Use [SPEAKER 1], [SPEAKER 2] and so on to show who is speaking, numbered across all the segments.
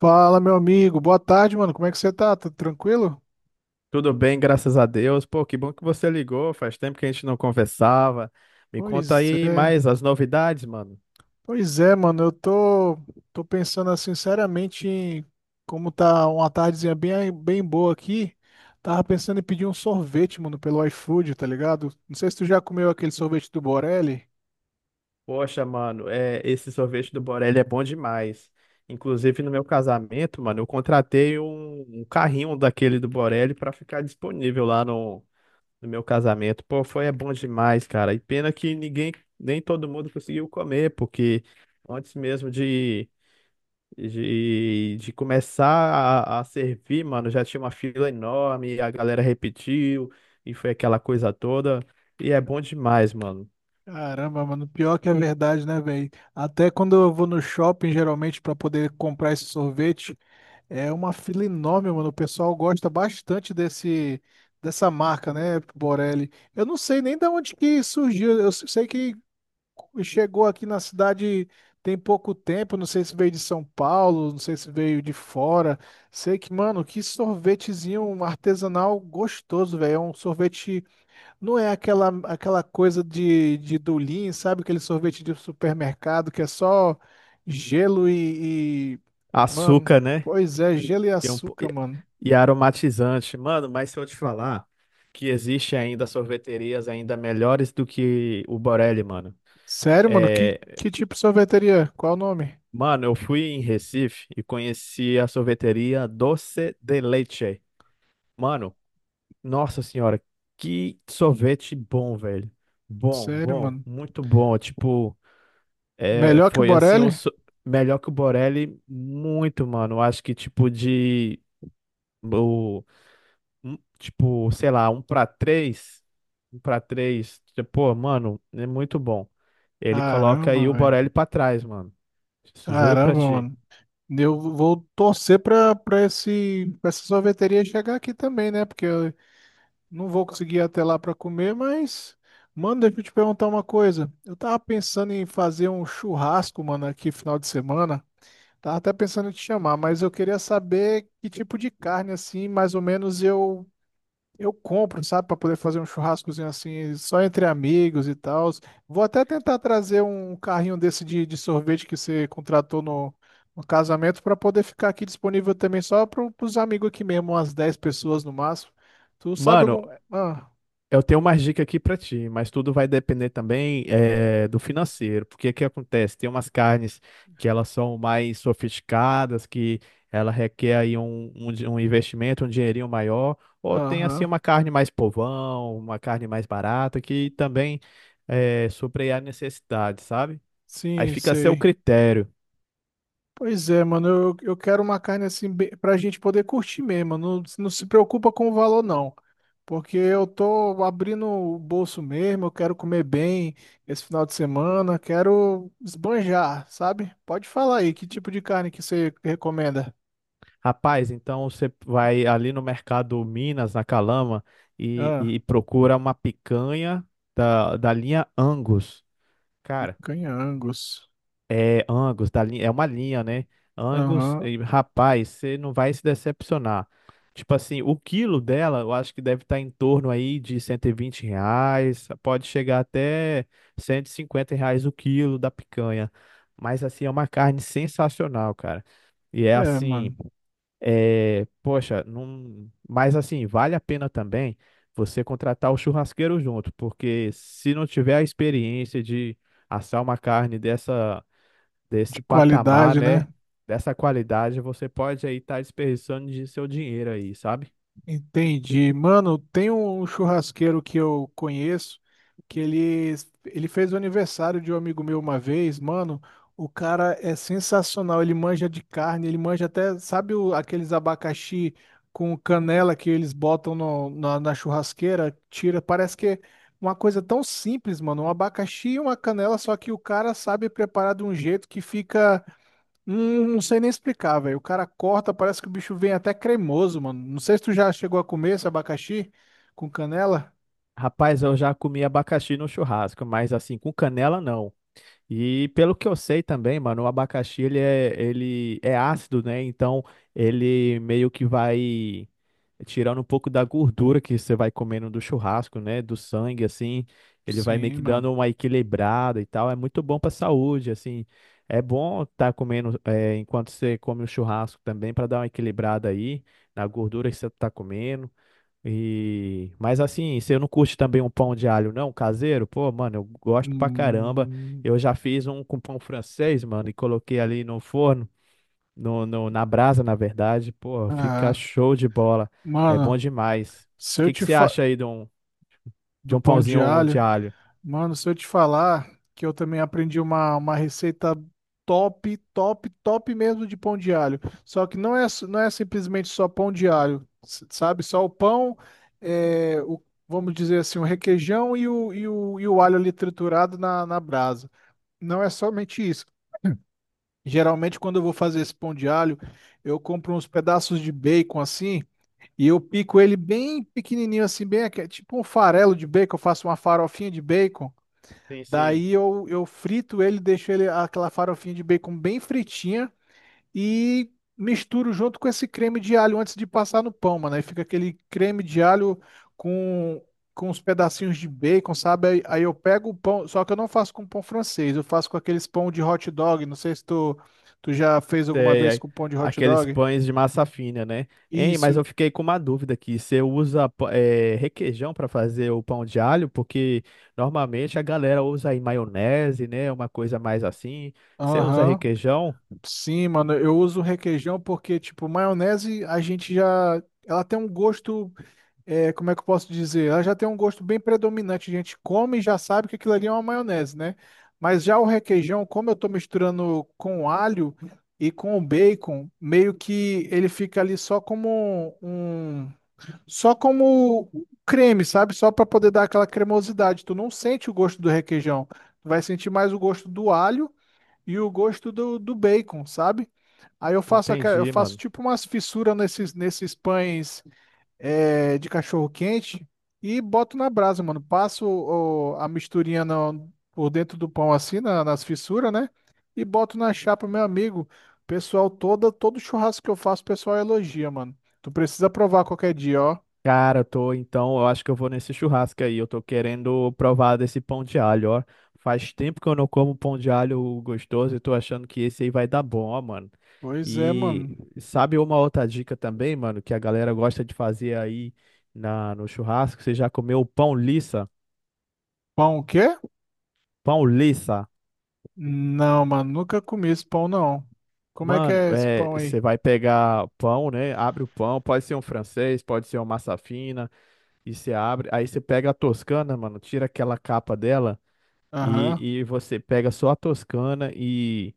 [SPEAKER 1] Fala, meu amigo. Boa tarde, mano. Como é que você tá? Tá tranquilo?
[SPEAKER 2] Tudo bem, graças a Deus. Pô, que bom que você ligou. Faz tempo que a gente não conversava. Me conta
[SPEAKER 1] Pois
[SPEAKER 2] aí
[SPEAKER 1] é.
[SPEAKER 2] mais as novidades, mano.
[SPEAKER 1] Pois é, mano. Eu tô, tô pensando assim, sinceramente, em como tá uma tardezinha bem boa aqui. Tava pensando em pedir um sorvete, mano, pelo iFood, tá ligado? Não sei se tu já comeu aquele sorvete do Borelli.
[SPEAKER 2] Poxa, mano, é, esse sorvete do Borelli é bom demais. Inclusive, no meu casamento, mano, eu contratei um carrinho daquele do Borelli pra ficar disponível lá no meu casamento. Pô, foi é bom demais, cara. E pena que nem todo mundo conseguiu comer, porque antes mesmo de começar a servir, mano, já tinha uma fila enorme, a galera repetiu, e foi aquela coisa toda. E é bom demais, mano.
[SPEAKER 1] Caramba, mano, pior que é verdade, né, velho? Até quando eu vou no shopping, geralmente, pra poder comprar esse sorvete, é uma fila enorme, mano. O pessoal gosta bastante desse dessa marca, né, Borelli? Eu não sei nem de onde que surgiu. Eu sei que chegou aqui na cidade tem pouco tempo. Não sei se veio de São Paulo, não sei se veio de fora. Sei que, mano, que sorvetezinho artesanal gostoso, velho. É um sorvete, não é aquela coisa de Dulin, sabe? Aquele sorvete de supermercado que é só gelo e Mano,
[SPEAKER 2] Açúcar, né?
[SPEAKER 1] pois é, gelo e
[SPEAKER 2] E, é um po- e-
[SPEAKER 1] açúcar, mano.
[SPEAKER 2] e aromatizante. Mano, mas se eu te falar que existe ainda sorveterias ainda melhores do que o Borelli, mano.
[SPEAKER 1] Sério, mano? Que,
[SPEAKER 2] É,
[SPEAKER 1] que tipo de sorveteria? Qual o nome?
[SPEAKER 2] mano, eu fui em Recife e conheci a sorveteria Doce de Leite. Mano, nossa senhora, que sorvete bom, velho. Bom,
[SPEAKER 1] Sério,
[SPEAKER 2] bom,
[SPEAKER 1] mano.
[SPEAKER 2] muito bom. Tipo, é,
[SPEAKER 1] Melhor que o
[SPEAKER 2] foi assim,
[SPEAKER 1] Borelli?
[SPEAKER 2] melhor que o Borelli, muito, mano. Acho que o, tipo, sei lá, um pra três. Tipo, pô, mano, é muito bom. Ele coloca
[SPEAKER 1] Caramba,
[SPEAKER 2] aí o Borelli
[SPEAKER 1] velho.
[SPEAKER 2] pra trás, mano. Isso, juro pra
[SPEAKER 1] Caramba,
[SPEAKER 2] ti.
[SPEAKER 1] mano. Eu vou torcer pra essa sorveteria chegar aqui também, né? Porque não vou conseguir ir até lá para comer, mas, mano, deixa eu te perguntar uma coisa. Eu tava pensando em fazer um churrasco, mano, aqui final de semana. Tava até pensando em te chamar, mas eu queria saber que tipo de carne, assim, mais ou menos eu compro, sabe, para poder fazer um churrascozinho assim, só entre amigos e tal. Vou até tentar trazer um carrinho desse de sorvete que você contratou no casamento para poder ficar aqui disponível também só para os amigos aqui mesmo, umas 10 pessoas no máximo. Tu sabe
[SPEAKER 2] Mano,
[SPEAKER 1] algum. Ah.
[SPEAKER 2] eu tenho umas dicas aqui para ti, mas tudo vai depender também do financeiro, porque o que acontece? Tem umas carnes que elas são mais sofisticadas, que ela requer aí um investimento, um dinheirinho maior, ou tem assim
[SPEAKER 1] Aham.
[SPEAKER 2] uma carne mais povão, uma carne mais barata, que também supre a necessidade, sabe? Aí
[SPEAKER 1] Sim,
[SPEAKER 2] fica a seu
[SPEAKER 1] sei.
[SPEAKER 2] critério.
[SPEAKER 1] Pois é, mano, eu quero uma carne assim bem- pra gente poder curtir mesmo. Não se preocupa com o valor, não. Porque eu tô abrindo o bolso mesmo, eu quero comer bem esse final de semana, quero esbanjar, sabe? Pode falar aí, que tipo de carne que você recomenda?
[SPEAKER 2] Rapaz, então você vai ali no Mercado Minas, na Calama, e,
[SPEAKER 1] Ah,
[SPEAKER 2] e procura uma picanha da linha Angus. Cara,
[SPEAKER 1] picanha Angus.
[SPEAKER 2] é Angus, da linha, é uma linha, né? Angus,
[SPEAKER 1] Aham.
[SPEAKER 2] e, rapaz, você não vai se decepcionar. Tipo assim, o quilo dela, eu acho que deve estar em torno aí de R$ 120, pode chegar até R$ 150 o quilo da picanha. Mas assim, é uma carne sensacional, cara. E é
[SPEAKER 1] É,
[SPEAKER 2] assim,
[SPEAKER 1] mano,
[SPEAKER 2] é, poxa, não, mas assim, vale a pena também você contratar o churrasqueiro junto, porque se não tiver a experiência de assar uma carne dessa
[SPEAKER 1] de
[SPEAKER 2] desse patamar,
[SPEAKER 1] qualidade, né?
[SPEAKER 2] né? Dessa qualidade, você pode aí estar desperdiçando de seu dinheiro aí, sabe?
[SPEAKER 1] Entendi. Mano, tem um churrasqueiro que eu conheço que ele fez o aniversário de um amigo meu uma vez. Mano, o cara é sensacional. Ele manja de carne, ele manja até, sabe o- aqueles abacaxi com canela que eles botam no- na churrasqueira? Tira, parece que é uma coisa tão simples, mano. Um abacaxi e uma canela, só que o cara sabe preparar de um jeito que fica. Não sei nem explicar, velho. O cara corta, parece que o bicho vem até cremoso, mano. Não sei se tu já chegou a comer esse abacaxi com canela.
[SPEAKER 2] Rapaz, eu já comi abacaxi no churrasco, mas assim, com canela não. E pelo que eu sei também, mano, o abacaxi ele é ácido, né? Então ele meio que vai tirando um pouco da gordura que você vai comendo do churrasco, né? Do sangue, assim. Ele vai meio
[SPEAKER 1] Sim,
[SPEAKER 2] que
[SPEAKER 1] mano.
[SPEAKER 2] dando uma equilibrada e tal. É muito bom pra saúde, assim. É bom estar comendo é, enquanto você come o churrasco também, para dar uma equilibrada aí na gordura que você tá comendo. E, mas assim, você não curte também um pão de alho, não, caseiro? Pô, mano, eu gosto pra caramba.
[SPEAKER 1] Hum,
[SPEAKER 2] Eu já fiz um com pão francês, mano, e coloquei ali no forno, na brasa, na verdade. Pô, fica
[SPEAKER 1] ah,
[SPEAKER 2] show de bola. É
[SPEAKER 1] mano,
[SPEAKER 2] bom demais.
[SPEAKER 1] se
[SPEAKER 2] O
[SPEAKER 1] eu
[SPEAKER 2] que que
[SPEAKER 1] te
[SPEAKER 2] você
[SPEAKER 1] fa...
[SPEAKER 2] acha aí de
[SPEAKER 1] do
[SPEAKER 2] um
[SPEAKER 1] pão de
[SPEAKER 2] pãozinho de
[SPEAKER 1] alho.
[SPEAKER 2] alho?
[SPEAKER 1] Mano, se eu te falar que eu também aprendi uma receita top mesmo de pão de alho. Só que não é, não é simplesmente só pão de alho, s- sabe? Só o pão, é, o, vamos dizer assim, o requeijão e o alho ali triturado na brasa. Não é somente isso. Geralmente, quando eu vou fazer esse pão de alho, eu compro uns pedaços de bacon assim e eu pico ele bem pequenininho assim, bem aque- tipo um farelo de bacon. Eu faço uma farofinha de bacon.
[SPEAKER 2] Sim, sim.
[SPEAKER 1] Daí eu frito ele, deixo ele aquela farofinha de bacon bem fritinha e misturo junto com esse creme de alho antes de passar no pão, mano. Aí fica aquele creme de alho com, com os pedacinhos de bacon, sabe? Aí eu pego o pão, só que eu não faço com pão francês, eu faço com aqueles pão de hot dog. Não sei se tu já fez alguma
[SPEAKER 2] Sei,
[SPEAKER 1] vez
[SPEAKER 2] é
[SPEAKER 1] com pão de hot
[SPEAKER 2] aqueles
[SPEAKER 1] dog.
[SPEAKER 2] pães de massa fina, né? Hein, mas
[SPEAKER 1] Isso.
[SPEAKER 2] eu fiquei com uma dúvida aqui. Você usa requeijão para fazer o pão de alho? Porque normalmente a galera usa aí maionese, né? Uma coisa mais assim. Você usa
[SPEAKER 1] Aham.
[SPEAKER 2] requeijão?
[SPEAKER 1] Sim, mano. Eu uso requeijão porque, tipo, maionese a gente já. Ela tem um gosto. É, como é que eu posso dizer? Ela já tem um gosto bem predominante. A gente come e já sabe que aquilo ali é uma maionese, né? Mas já o requeijão, como eu tô misturando com alho e com o bacon, meio que ele fica ali só como um, só como creme, sabe? Só para poder dar aquela cremosidade. Tu não sente o gosto do requeijão. Tu vai sentir mais o gosto do alho e o gosto do, do bacon, sabe? Aí eu faço, aqua- eu
[SPEAKER 2] Entendi,
[SPEAKER 1] faço
[SPEAKER 2] mano.
[SPEAKER 1] tipo umas fissuras nesses pães é, de cachorro quente e boto na brasa, mano. Passo o- a misturinha no- por dentro do pão assim, na- nas fissuras, né? E boto na chapa, meu amigo. Pessoal, todo churrasco que eu faço, o pessoal elogia, mano. Tu precisa provar qualquer dia, ó.
[SPEAKER 2] Cara, eu tô, então, eu acho que eu vou nesse churrasco aí. Eu tô querendo provar desse pão de alho, ó. Faz tempo que eu não como pão de alho gostoso e tô achando que esse aí vai dar bom, ó, mano.
[SPEAKER 1] Pois é,
[SPEAKER 2] E
[SPEAKER 1] mano.
[SPEAKER 2] sabe uma outra dica também, mano, que a galera gosta de fazer aí no churrasco? Você já comeu pão liça?
[SPEAKER 1] Pão o quê?
[SPEAKER 2] Pão liça.
[SPEAKER 1] Não, mano, nunca comi esse pão, não. Como é que
[SPEAKER 2] Mano,
[SPEAKER 1] é esse
[SPEAKER 2] é,
[SPEAKER 1] pão aí?
[SPEAKER 2] você vai pegar pão, né? Abre o pão, pode ser um francês, pode ser uma massa fina, e você abre. Aí você pega a toscana, mano, tira aquela capa dela. E,
[SPEAKER 1] Aham,
[SPEAKER 2] e você pega só a Toscana e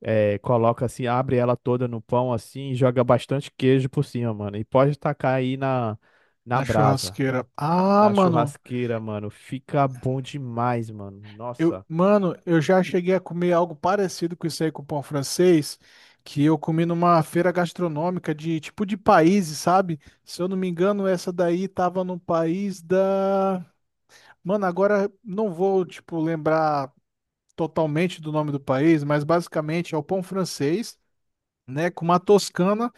[SPEAKER 2] coloca assim, abre ela toda no pão assim e joga bastante queijo por cima, mano. E pode tacar aí na
[SPEAKER 1] na
[SPEAKER 2] brasa,
[SPEAKER 1] churrasqueira. Ah,
[SPEAKER 2] na
[SPEAKER 1] mano.
[SPEAKER 2] churrasqueira, mano. Fica bom demais, mano.
[SPEAKER 1] Eu,
[SPEAKER 2] Nossa.
[SPEAKER 1] mano, eu já cheguei a comer algo parecido com isso aí com pão francês, que eu comi numa feira gastronômica de tipo de países, sabe? Se eu não me engano, essa daí tava no país da. Mano, agora não vou, tipo, lembrar totalmente do nome do país, mas basicamente é o pão francês, né? Com uma toscana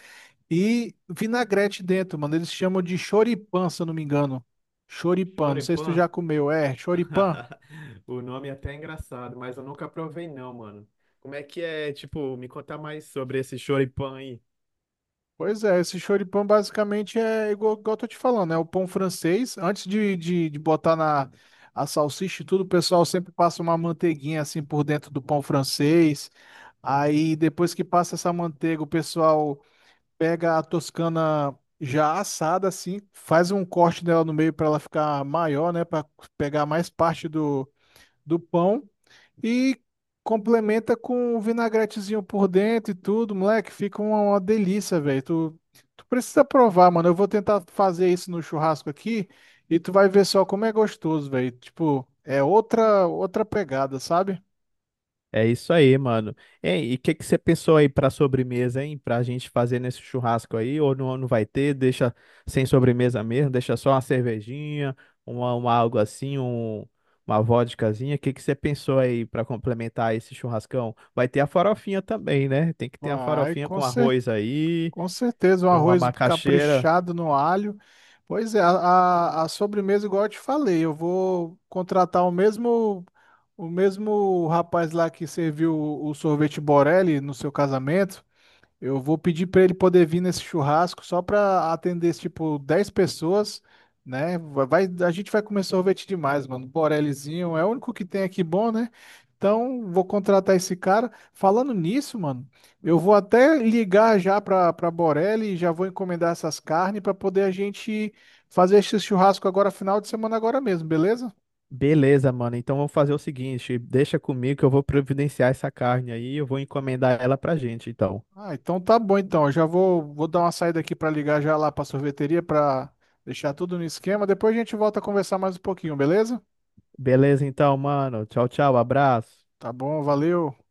[SPEAKER 1] e vinagrete dentro, mano. Eles chamam de choripan, se eu não me engano. Choripan, não sei se tu
[SPEAKER 2] Choripan?
[SPEAKER 1] já comeu, é, choripan.
[SPEAKER 2] O nome é até engraçado, mas eu nunca provei não, mano. Como é que é, tipo, me contar mais sobre esse choripan aí?
[SPEAKER 1] Pois é, esse choripã basicamente é igual, igual eu tô te falando, é o pão francês. Antes de botar na a salsicha e tudo, o pessoal sempre passa uma manteiguinha assim por dentro do pão francês. Aí depois que passa essa manteiga, o pessoal pega a toscana já assada assim, faz um corte dela no meio para ela ficar maior, né, para pegar mais parte do do pão e complementa com um vinagretezinho por dentro e tudo, moleque, fica uma delícia, velho. Tu precisa provar, mano. Eu vou tentar fazer isso no churrasco aqui e tu vai ver só como é gostoso, velho. Tipo, é outra pegada, sabe?
[SPEAKER 2] É isso aí, mano. Ei, e o que que você pensou aí pra sobremesa, hein? Pra gente fazer nesse churrasco aí? Ou não, não vai ter? Deixa sem sobremesa mesmo? Deixa só uma cervejinha, uma algo assim, um, uma vodkazinha. O que que você pensou aí pra complementar esse churrascão? Vai ter a farofinha também, né? Tem que ter a
[SPEAKER 1] Vai,
[SPEAKER 2] farofinha
[SPEAKER 1] com
[SPEAKER 2] com
[SPEAKER 1] certeza.
[SPEAKER 2] arroz aí,
[SPEAKER 1] Com certeza, um
[SPEAKER 2] uma
[SPEAKER 1] arroz
[SPEAKER 2] macaxeira.
[SPEAKER 1] caprichado no alho. Pois é, a sobremesa, igual eu te falei, eu vou contratar o mesmo rapaz lá que serviu o sorvete Borelli no seu casamento. Eu vou pedir para ele poder vir nesse churrasco só para atender, tipo, 10 pessoas, né? A gente vai comer sorvete demais, mano. Borellizinho é o único que tem aqui bom, né? Então, vou contratar esse cara. Falando nisso, mano, eu vou até ligar já para Borelli e já vou encomendar essas carnes para poder a gente fazer esse churrasco agora, final de semana agora mesmo, beleza?
[SPEAKER 2] Beleza, mano. Então vamos fazer o seguinte: deixa comigo que eu vou providenciar essa carne aí. Eu vou encomendar ela pra gente, então.
[SPEAKER 1] Ah, então tá bom então. Eu já vou dar uma saída aqui para ligar já lá para sorveteria para deixar tudo no esquema. Depois a gente volta a conversar mais um pouquinho, beleza?
[SPEAKER 2] Beleza, então, mano. Tchau, tchau. Abraço.
[SPEAKER 1] Tá bom, valeu.